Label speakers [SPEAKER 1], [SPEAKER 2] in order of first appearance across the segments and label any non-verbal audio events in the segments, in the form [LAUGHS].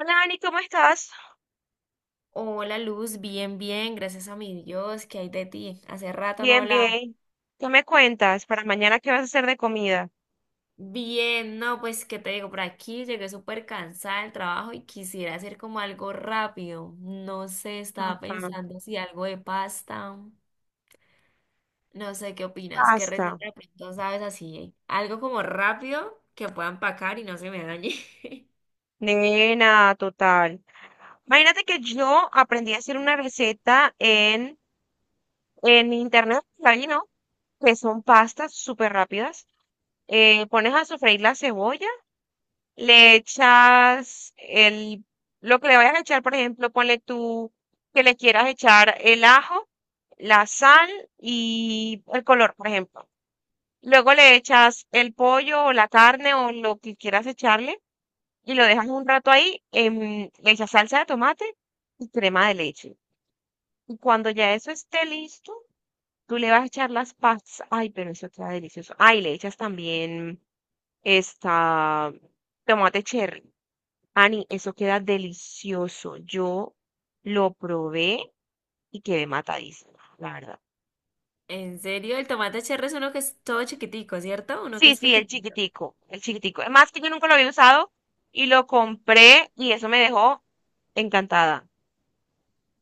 [SPEAKER 1] Hola, Ani, ¿cómo estás?
[SPEAKER 2] Hola Luz, bien, bien, gracias a mi Dios, ¿qué hay de ti? Hace rato no
[SPEAKER 1] Bien,
[SPEAKER 2] hablaba.
[SPEAKER 1] bien. ¿Qué me cuentas? Para mañana, ¿qué vas a hacer de comida?
[SPEAKER 2] Bien, no, pues, ¿qué te digo? Por aquí llegué súper cansada del trabajo y quisiera hacer como algo rápido. No sé, estaba
[SPEAKER 1] Ajá.
[SPEAKER 2] pensando si algo de pasta. No sé, ¿qué opinas? ¿Qué
[SPEAKER 1] Pasta.
[SPEAKER 2] receta de pronto sabes así? Algo como rápido que pueda empacar y no se me dañe. [LAUGHS]
[SPEAKER 1] Nena, total. Imagínate que yo aprendí a hacer una receta en internet, ahí, ¿no? Que son pastas súper rápidas. Pones a sofreír la cebolla, le echas lo que le vayas a echar, por ejemplo, ponle tú que le quieras echar el ajo, la sal y el color, por ejemplo. Luego le echas el pollo o la carne o lo que quieras echarle y lo dejas un rato ahí. Le echas salsa de tomate y crema de leche. Y cuando ya eso esté listo, tú le vas a echar las pastas. Ay, pero eso queda delicioso. Ay, le echas también esta tomate cherry. Ani, eso queda delicioso. Yo lo probé y quedé matadísima, la verdad.
[SPEAKER 2] En serio, el tomate cherry es uno que es todo chiquitico, ¿cierto? Uno que
[SPEAKER 1] Sí,
[SPEAKER 2] es
[SPEAKER 1] sí,
[SPEAKER 2] pequeño.
[SPEAKER 1] el chiquitico, el chiquitico. Es más que yo nunca lo había usado y lo compré y eso me dejó encantada.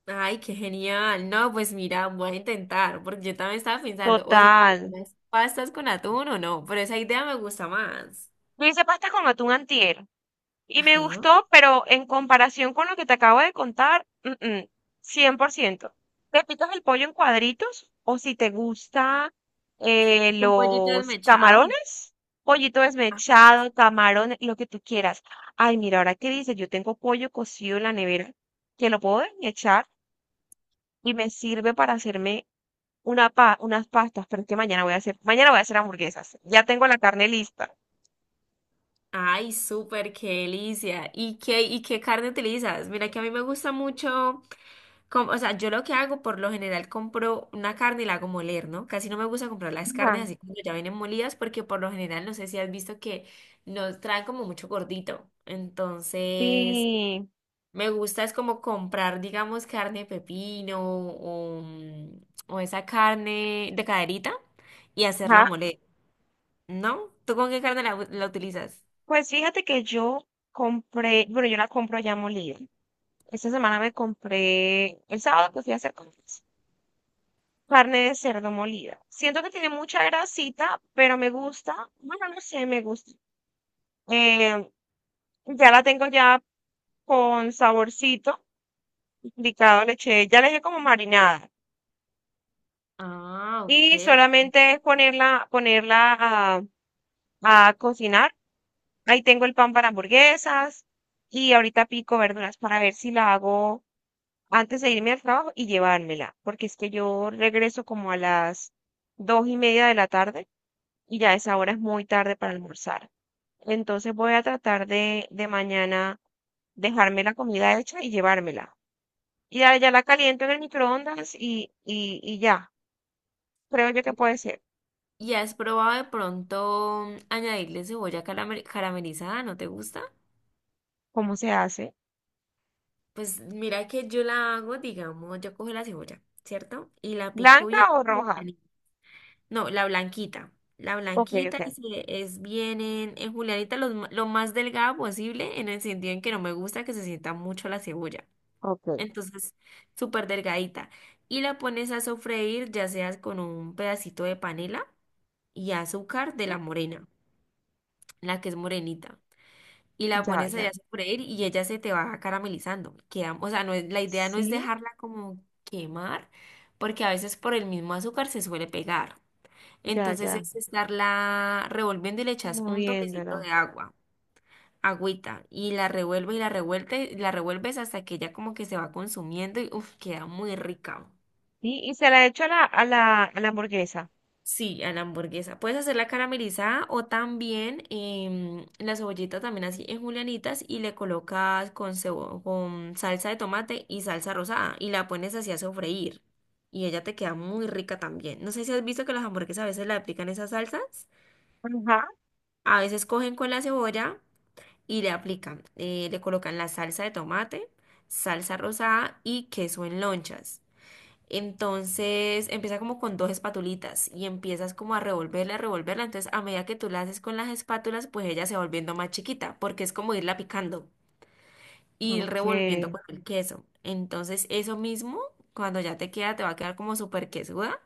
[SPEAKER 2] Ay, qué genial. No, pues mira, voy a intentar, porque yo también estaba pensando, o si hago
[SPEAKER 1] Total.
[SPEAKER 2] unas pastas con atún o no, pero esa idea me gusta más.
[SPEAKER 1] Yo hice pasta con atún antier y me
[SPEAKER 2] Ajá.
[SPEAKER 1] gustó, pero en comparación con lo que te acabo de contar, 100%. Te picas el pollo en cuadritos o si te gusta
[SPEAKER 2] Un pollito
[SPEAKER 1] los
[SPEAKER 2] desmechado.
[SPEAKER 1] camarones, pollito
[SPEAKER 2] Ah,
[SPEAKER 1] desmechado, camarones, lo que tú quieras. Ay, mira, ahora qué dices, yo tengo pollo cocido en la nevera que lo puedo desmechar y me sirve para hacerme unas pastas, pero es que mañana voy a hacer hamburguesas. Ya tengo la carne lista.
[SPEAKER 2] ay, súper, qué delicia. Y qué carne utilizas? Mira que a mí me gusta mucho, o sea, yo lo que hago por lo general compro una carne y la hago moler, ¿no? Casi no me gusta comprar las carnes
[SPEAKER 1] Ajá.
[SPEAKER 2] así cuando ya vienen molidas, porque por lo general no sé si has visto que nos traen como mucho gordito. Entonces...
[SPEAKER 1] Sí.
[SPEAKER 2] Me gusta es como comprar, digamos, carne de pepino o, o esa carne de caderita y hacerla
[SPEAKER 1] Ajá.
[SPEAKER 2] moler, ¿no? ¿Tú con qué carne la utilizas?
[SPEAKER 1] Pues fíjate que bueno, yo la compro ya molida. Esta semana me compré, el sábado que fui a hacer compras, carne de cerdo molida. Siento que tiene mucha grasita, pero me gusta. Bueno, no sé, me gusta. Eh, ya la tengo ya con saborcito picado, le eché, ya le dejé como marinada.
[SPEAKER 2] Ah, ok.
[SPEAKER 1] Y solamente es ponerla a cocinar. Ahí tengo el pan para hamburguesas y ahorita pico verduras para ver si la hago antes de irme al trabajo y llevármela, porque es que yo regreso como a las 2:30 de la tarde y ya esa hora es muy tarde para almorzar. Entonces voy a tratar de mañana dejarme la comida hecha y llevármela. Y ya, ya la caliento en el microondas y ya. Creo yo que puede
[SPEAKER 2] Ok.
[SPEAKER 1] ser.
[SPEAKER 2] ¿Y has probado de pronto añadirle cebolla caramelizada? ¿No te gusta?
[SPEAKER 1] ¿Cómo se hace?
[SPEAKER 2] Pues mira que yo la hago, digamos, yo cojo la cebolla, ¿cierto? Y la pico
[SPEAKER 1] ¿Blanca
[SPEAKER 2] bien.
[SPEAKER 1] o roja?
[SPEAKER 2] No, la blanquita. La
[SPEAKER 1] Ok,
[SPEAKER 2] blanquita
[SPEAKER 1] ok,
[SPEAKER 2] y es bien en julianita lo más delgada posible en el sentido en que no me gusta que se sienta mucho la cebolla.
[SPEAKER 1] ok.
[SPEAKER 2] Entonces, súper delgadita. Y la pones a sofreír ya sea con un pedacito de panela y azúcar de la morena, la que es morenita. Y la
[SPEAKER 1] Ya,
[SPEAKER 2] pones allá
[SPEAKER 1] ya.
[SPEAKER 2] a sofreír y ella se te va caramelizando. Queda, o sea, no es, la idea no es
[SPEAKER 1] Sí,
[SPEAKER 2] dejarla como quemar, porque a veces por el mismo azúcar se suele pegar.
[SPEAKER 1] ya,
[SPEAKER 2] Entonces
[SPEAKER 1] ya.
[SPEAKER 2] es estarla revolviendo y le echas un toquecito
[SPEAKER 1] Moviéndola.
[SPEAKER 2] de agua, agüita, y la revuelves hasta que ya como que se va consumiendo y uff, queda muy rica.
[SPEAKER 1] Sí, y se la he hecho a la hamburguesa.
[SPEAKER 2] Sí, a la hamburguesa. Puedes hacerla caramelizada o también la cebollita también así en julianitas y le colocas con salsa de tomate y salsa rosada y la pones así a sofreír. Y ella te queda muy rica también. No sé si has visto que las hamburguesas a veces le aplican esas salsas.
[SPEAKER 1] Ajá.
[SPEAKER 2] A veces cogen con la cebolla. Y le aplican, le colocan la salsa de tomate, salsa rosada y queso en lonchas. Entonces empieza como con dos espatulitas y empiezas como a revolverla, a revolverla. Entonces a medida que tú la haces con las espátulas, pues ella se va volviendo más chiquita porque es como irla picando y ir
[SPEAKER 1] Ok,
[SPEAKER 2] revolviendo con el queso. Entonces eso mismo, cuando ya te queda, te va a quedar como súper quesuda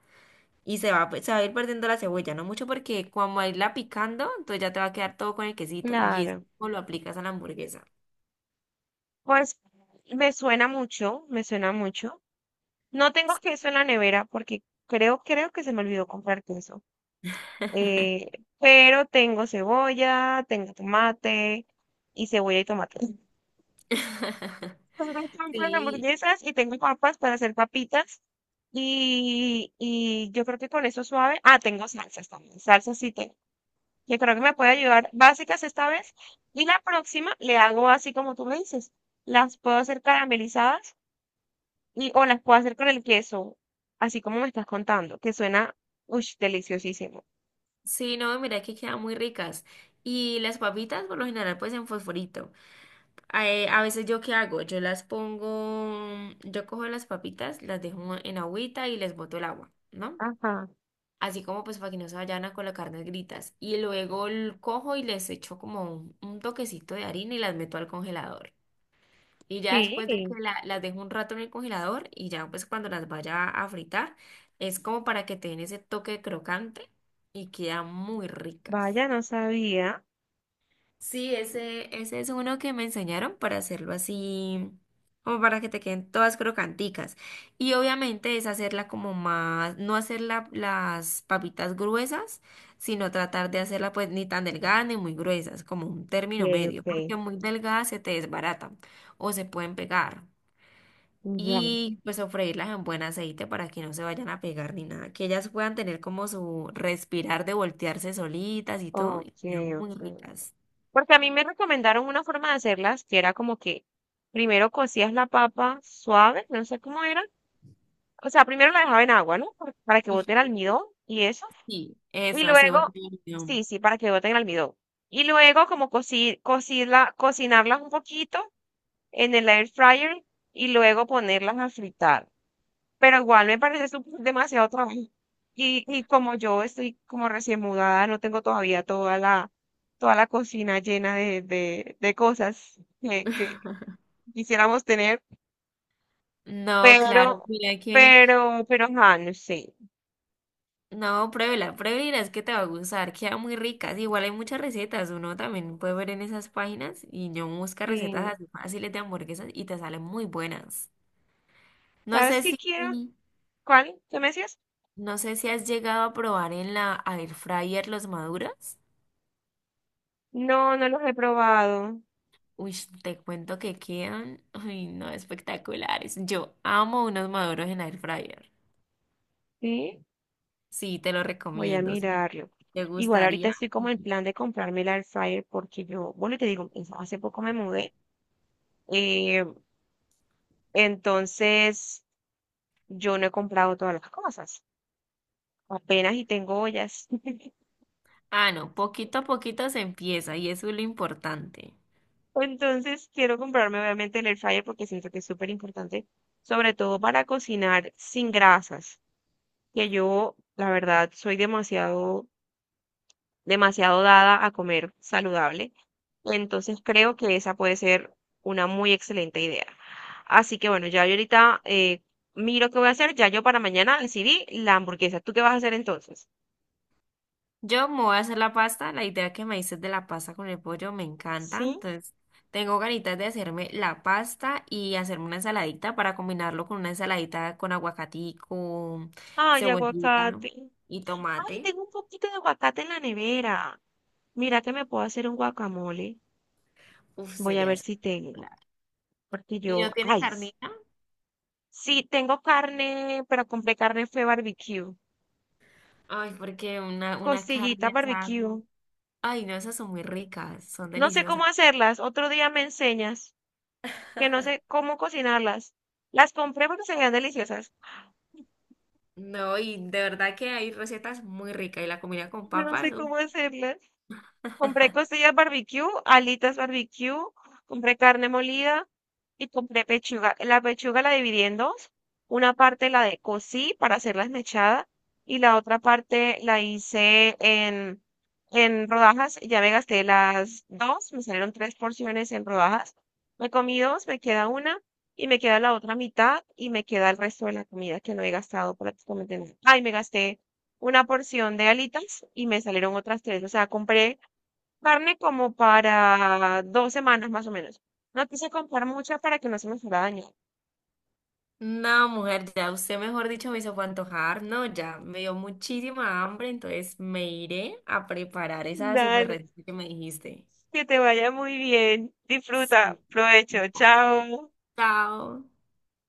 [SPEAKER 2] y se va a ir perdiendo la cebolla, no mucho porque cuando a irla picando, entonces ya te va a quedar todo con el quesito y eso
[SPEAKER 1] claro.
[SPEAKER 2] lo aplicas a la hamburguesa.
[SPEAKER 1] Pues me suena mucho, me suena mucho. No tengo queso en la nevera porque creo que se me olvidó comprar queso. Eh, pero tengo cebolla, tengo tomate y cebolla y tomate. [LAUGHS]
[SPEAKER 2] [LAUGHS]
[SPEAKER 1] Me encantan las
[SPEAKER 2] Sí,
[SPEAKER 1] hamburguesas y tengo papas para hacer papitas. Y yo creo que con eso suave. Ah, tengo salsas también. Salsas sí tengo. Yo creo que me puede ayudar básicas esta vez. Y la próxima le hago así como tú me dices. Las puedo hacer caramelizadas o las puedo hacer con el queso, así como me estás contando, que suena, uy, deliciosísimo.
[SPEAKER 2] sí, no, mira que quedan muy ricas. Y las papitas, por lo general, pues en fosforito. A veces yo qué hago, yo las pongo, yo cojo las papitas, las dejo en agüita y les boto el agua, ¿no?
[SPEAKER 1] Ajá.
[SPEAKER 2] Así como pues para que no se vayan a colocar negritas. Y luego cojo y les echo como un toquecito de harina y las meto al congelador. Y ya después de que
[SPEAKER 1] Sí.
[SPEAKER 2] las dejo un rato en el congelador y ya pues cuando las vaya a fritar, es como para que te den ese toque crocante y quedan muy ricas.
[SPEAKER 1] Vaya, no sabía.
[SPEAKER 2] Sí, ese es uno que me enseñaron para hacerlo así, como para que te queden todas crocanticas. Y obviamente es hacerla como más, no hacer las papitas gruesas, sino tratar de hacerla pues ni tan delgada ni muy gruesas, como un
[SPEAKER 1] Ok,
[SPEAKER 2] término medio,
[SPEAKER 1] ok.
[SPEAKER 2] porque muy delgada se te desbaratan o se pueden pegar.
[SPEAKER 1] Ya.
[SPEAKER 2] Y pues sofreírlas en buen aceite para que no se vayan a pegar ni nada. Que ellas puedan tener como su respirar de voltearse solitas y todo. Y
[SPEAKER 1] Ok,
[SPEAKER 2] quedan muy
[SPEAKER 1] ok.
[SPEAKER 2] ricas.
[SPEAKER 1] Porque a mí me recomendaron una forma de hacerlas que era como que primero cocías la papa suave, no sé cómo era. O sea, primero la dejaba en agua, ¿no? Para que bote el
[SPEAKER 2] Ujú.
[SPEAKER 1] almidón y eso.
[SPEAKER 2] Sí,
[SPEAKER 1] Y
[SPEAKER 2] eso, así
[SPEAKER 1] luego,
[SPEAKER 2] voy a tener yo.
[SPEAKER 1] sí, sí, para que bote el almidón. Y luego como cocinarlas un poquito en el air fryer y luego ponerlas a fritar. Pero igual me parece demasiado trabajo. Y como yo estoy como recién mudada, no tengo todavía toda la cocina llena de cosas que quisiéramos tener,
[SPEAKER 2] No, claro,
[SPEAKER 1] pero,
[SPEAKER 2] mira que.
[SPEAKER 1] ajá, no sé.
[SPEAKER 2] No, pruébela, pruébela, es que te va a gustar. Quedan muy ricas. Igual hay muchas recetas. Uno también puede ver en esas páginas. Y yo busca recetas
[SPEAKER 1] Sí.
[SPEAKER 2] así fáciles de hamburguesas y te salen muy buenas. No
[SPEAKER 1] ¿Sabes
[SPEAKER 2] sé
[SPEAKER 1] qué
[SPEAKER 2] si.
[SPEAKER 1] quiero? ¿Cuál? ¿Qué me decías?
[SPEAKER 2] No sé si has llegado a probar en la air fryer los maduros.
[SPEAKER 1] No, no los he probado.
[SPEAKER 2] Uy, te cuento que quedan, ay, no, espectaculares. Yo amo unos maduros en air fryer.
[SPEAKER 1] Sí,
[SPEAKER 2] Sí, te lo
[SPEAKER 1] voy a
[SPEAKER 2] recomiendo. Si
[SPEAKER 1] mirarlo.
[SPEAKER 2] te
[SPEAKER 1] Igual ahorita
[SPEAKER 2] gustaría.
[SPEAKER 1] estoy como
[SPEAKER 2] Y-
[SPEAKER 1] en plan de comprarme la air fryer porque yo, bueno, te digo, hace poco me mudé. Eh, entonces, yo no he comprado todas las cosas, apenas y tengo ollas. [LAUGHS]
[SPEAKER 2] Ah, no, poquito a poquito se empieza y eso es lo importante.
[SPEAKER 1] Entonces quiero comprarme obviamente el air fryer porque siento que es súper importante, sobre todo para cocinar sin grasas, que yo la verdad soy demasiado, demasiado dada a comer saludable. Entonces creo que esa puede ser una muy excelente idea. Así que bueno, ya yo ahorita miro qué voy a hacer. Ya yo para mañana decidí la hamburguesa. ¿Tú qué vas a hacer entonces?
[SPEAKER 2] Yo me voy a hacer la pasta. La idea que me dices de la pasta con el pollo me encanta.
[SPEAKER 1] Sí.
[SPEAKER 2] Entonces, tengo ganitas de hacerme la pasta y hacerme una ensaladita para combinarlo con una ensaladita con aguacatico,
[SPEAKER 1] Ay,
[SPEAKER 2] cebollita
[SPEAKER 1] aguacate.
[SPEAKER 2] y
[SPEAKER 1] Ay,
[SPEAKER 2] tomate.
[SPEAKER 1] tengo un poquito de aguacate en la nevera. Mira que me puedo hacer un guacamole.
[SPEAKER 2] Uf,
[SPEAKER 1] Voy a
[SPEAKER 2] sería
[SPEAKER 1] ver si tengo,
[SPEAKER 2] espectacular.
[SPEAKER 1] porque
[SPEAKER 2] ¿Y
[SPEAKER 1] yo,
[SPEAKER 2] no tiene
[SPEAKER 1] ay,
[SPEAKER 2] carnita?
[SPEAKER 1] sí, tengo carne, pero compré carne fue barbecue,
[SPEAKER 2] Ay, porque una
[SPEAKER 1] costillitas
[SPEAKER 2] carne asada.
[SPEAKER 1] barbecue.
[SPEAKER 2] Con- Ay, no, esas son muy ricas, son
[SPEAKER 1] No sé cómo
[SPEAKER 2] deliciosas.
[SPEAKER 1] hacerlas, otro día me enseñas, que no sé cómo cocinarlas. Las compré porque se veían deliciosas,
[SPEAKER 2] No, y de verdad que hay recetas muy ricas. Y la comida con
[SPEAKER 1] [LAUGHS] no
[SPEAKER 2] papas.
[SPEAKER 1] sé
[SPEAKER 2] Uf.
[SPEAKER 1] cómo hacerlas. Compré costillas barbecue, alitas barbecue, compré carne molida y compré pechuga. La pechuga la dividí en dos. Una parte la de cocí para hacerla esmechada y la otra parte la hice en rodajas. Ya me gasté las dos, me salieron tres porciones en rodajas. Me comí dos, me queda una y me queda la otra mitad y me queda el resto de la comida que no he gastado prácticamente nada. Ay, me gasté una porción de alitas y me salieron otras tres. O sea, compré carne como para 2 semanas más o menos. No quise comprar mucha para que no se me fuera a dañar.
[SPEAKER 2] No, mujer, ya usted, mejor dicho, me hizo fue antojar. No, ya me dio muchísima hambre, entonces me iré a preparar esa super
[SPEAKER 1] Dale,
[SPEAKER 2] receta que me dijiste.
[SPEAKER 1] que te vaya muy bien. Disfruta,
[SPEAKER 2] Sí.
[SPEAKER 1] provecho, chao.
[SPEAKER 2] Chao.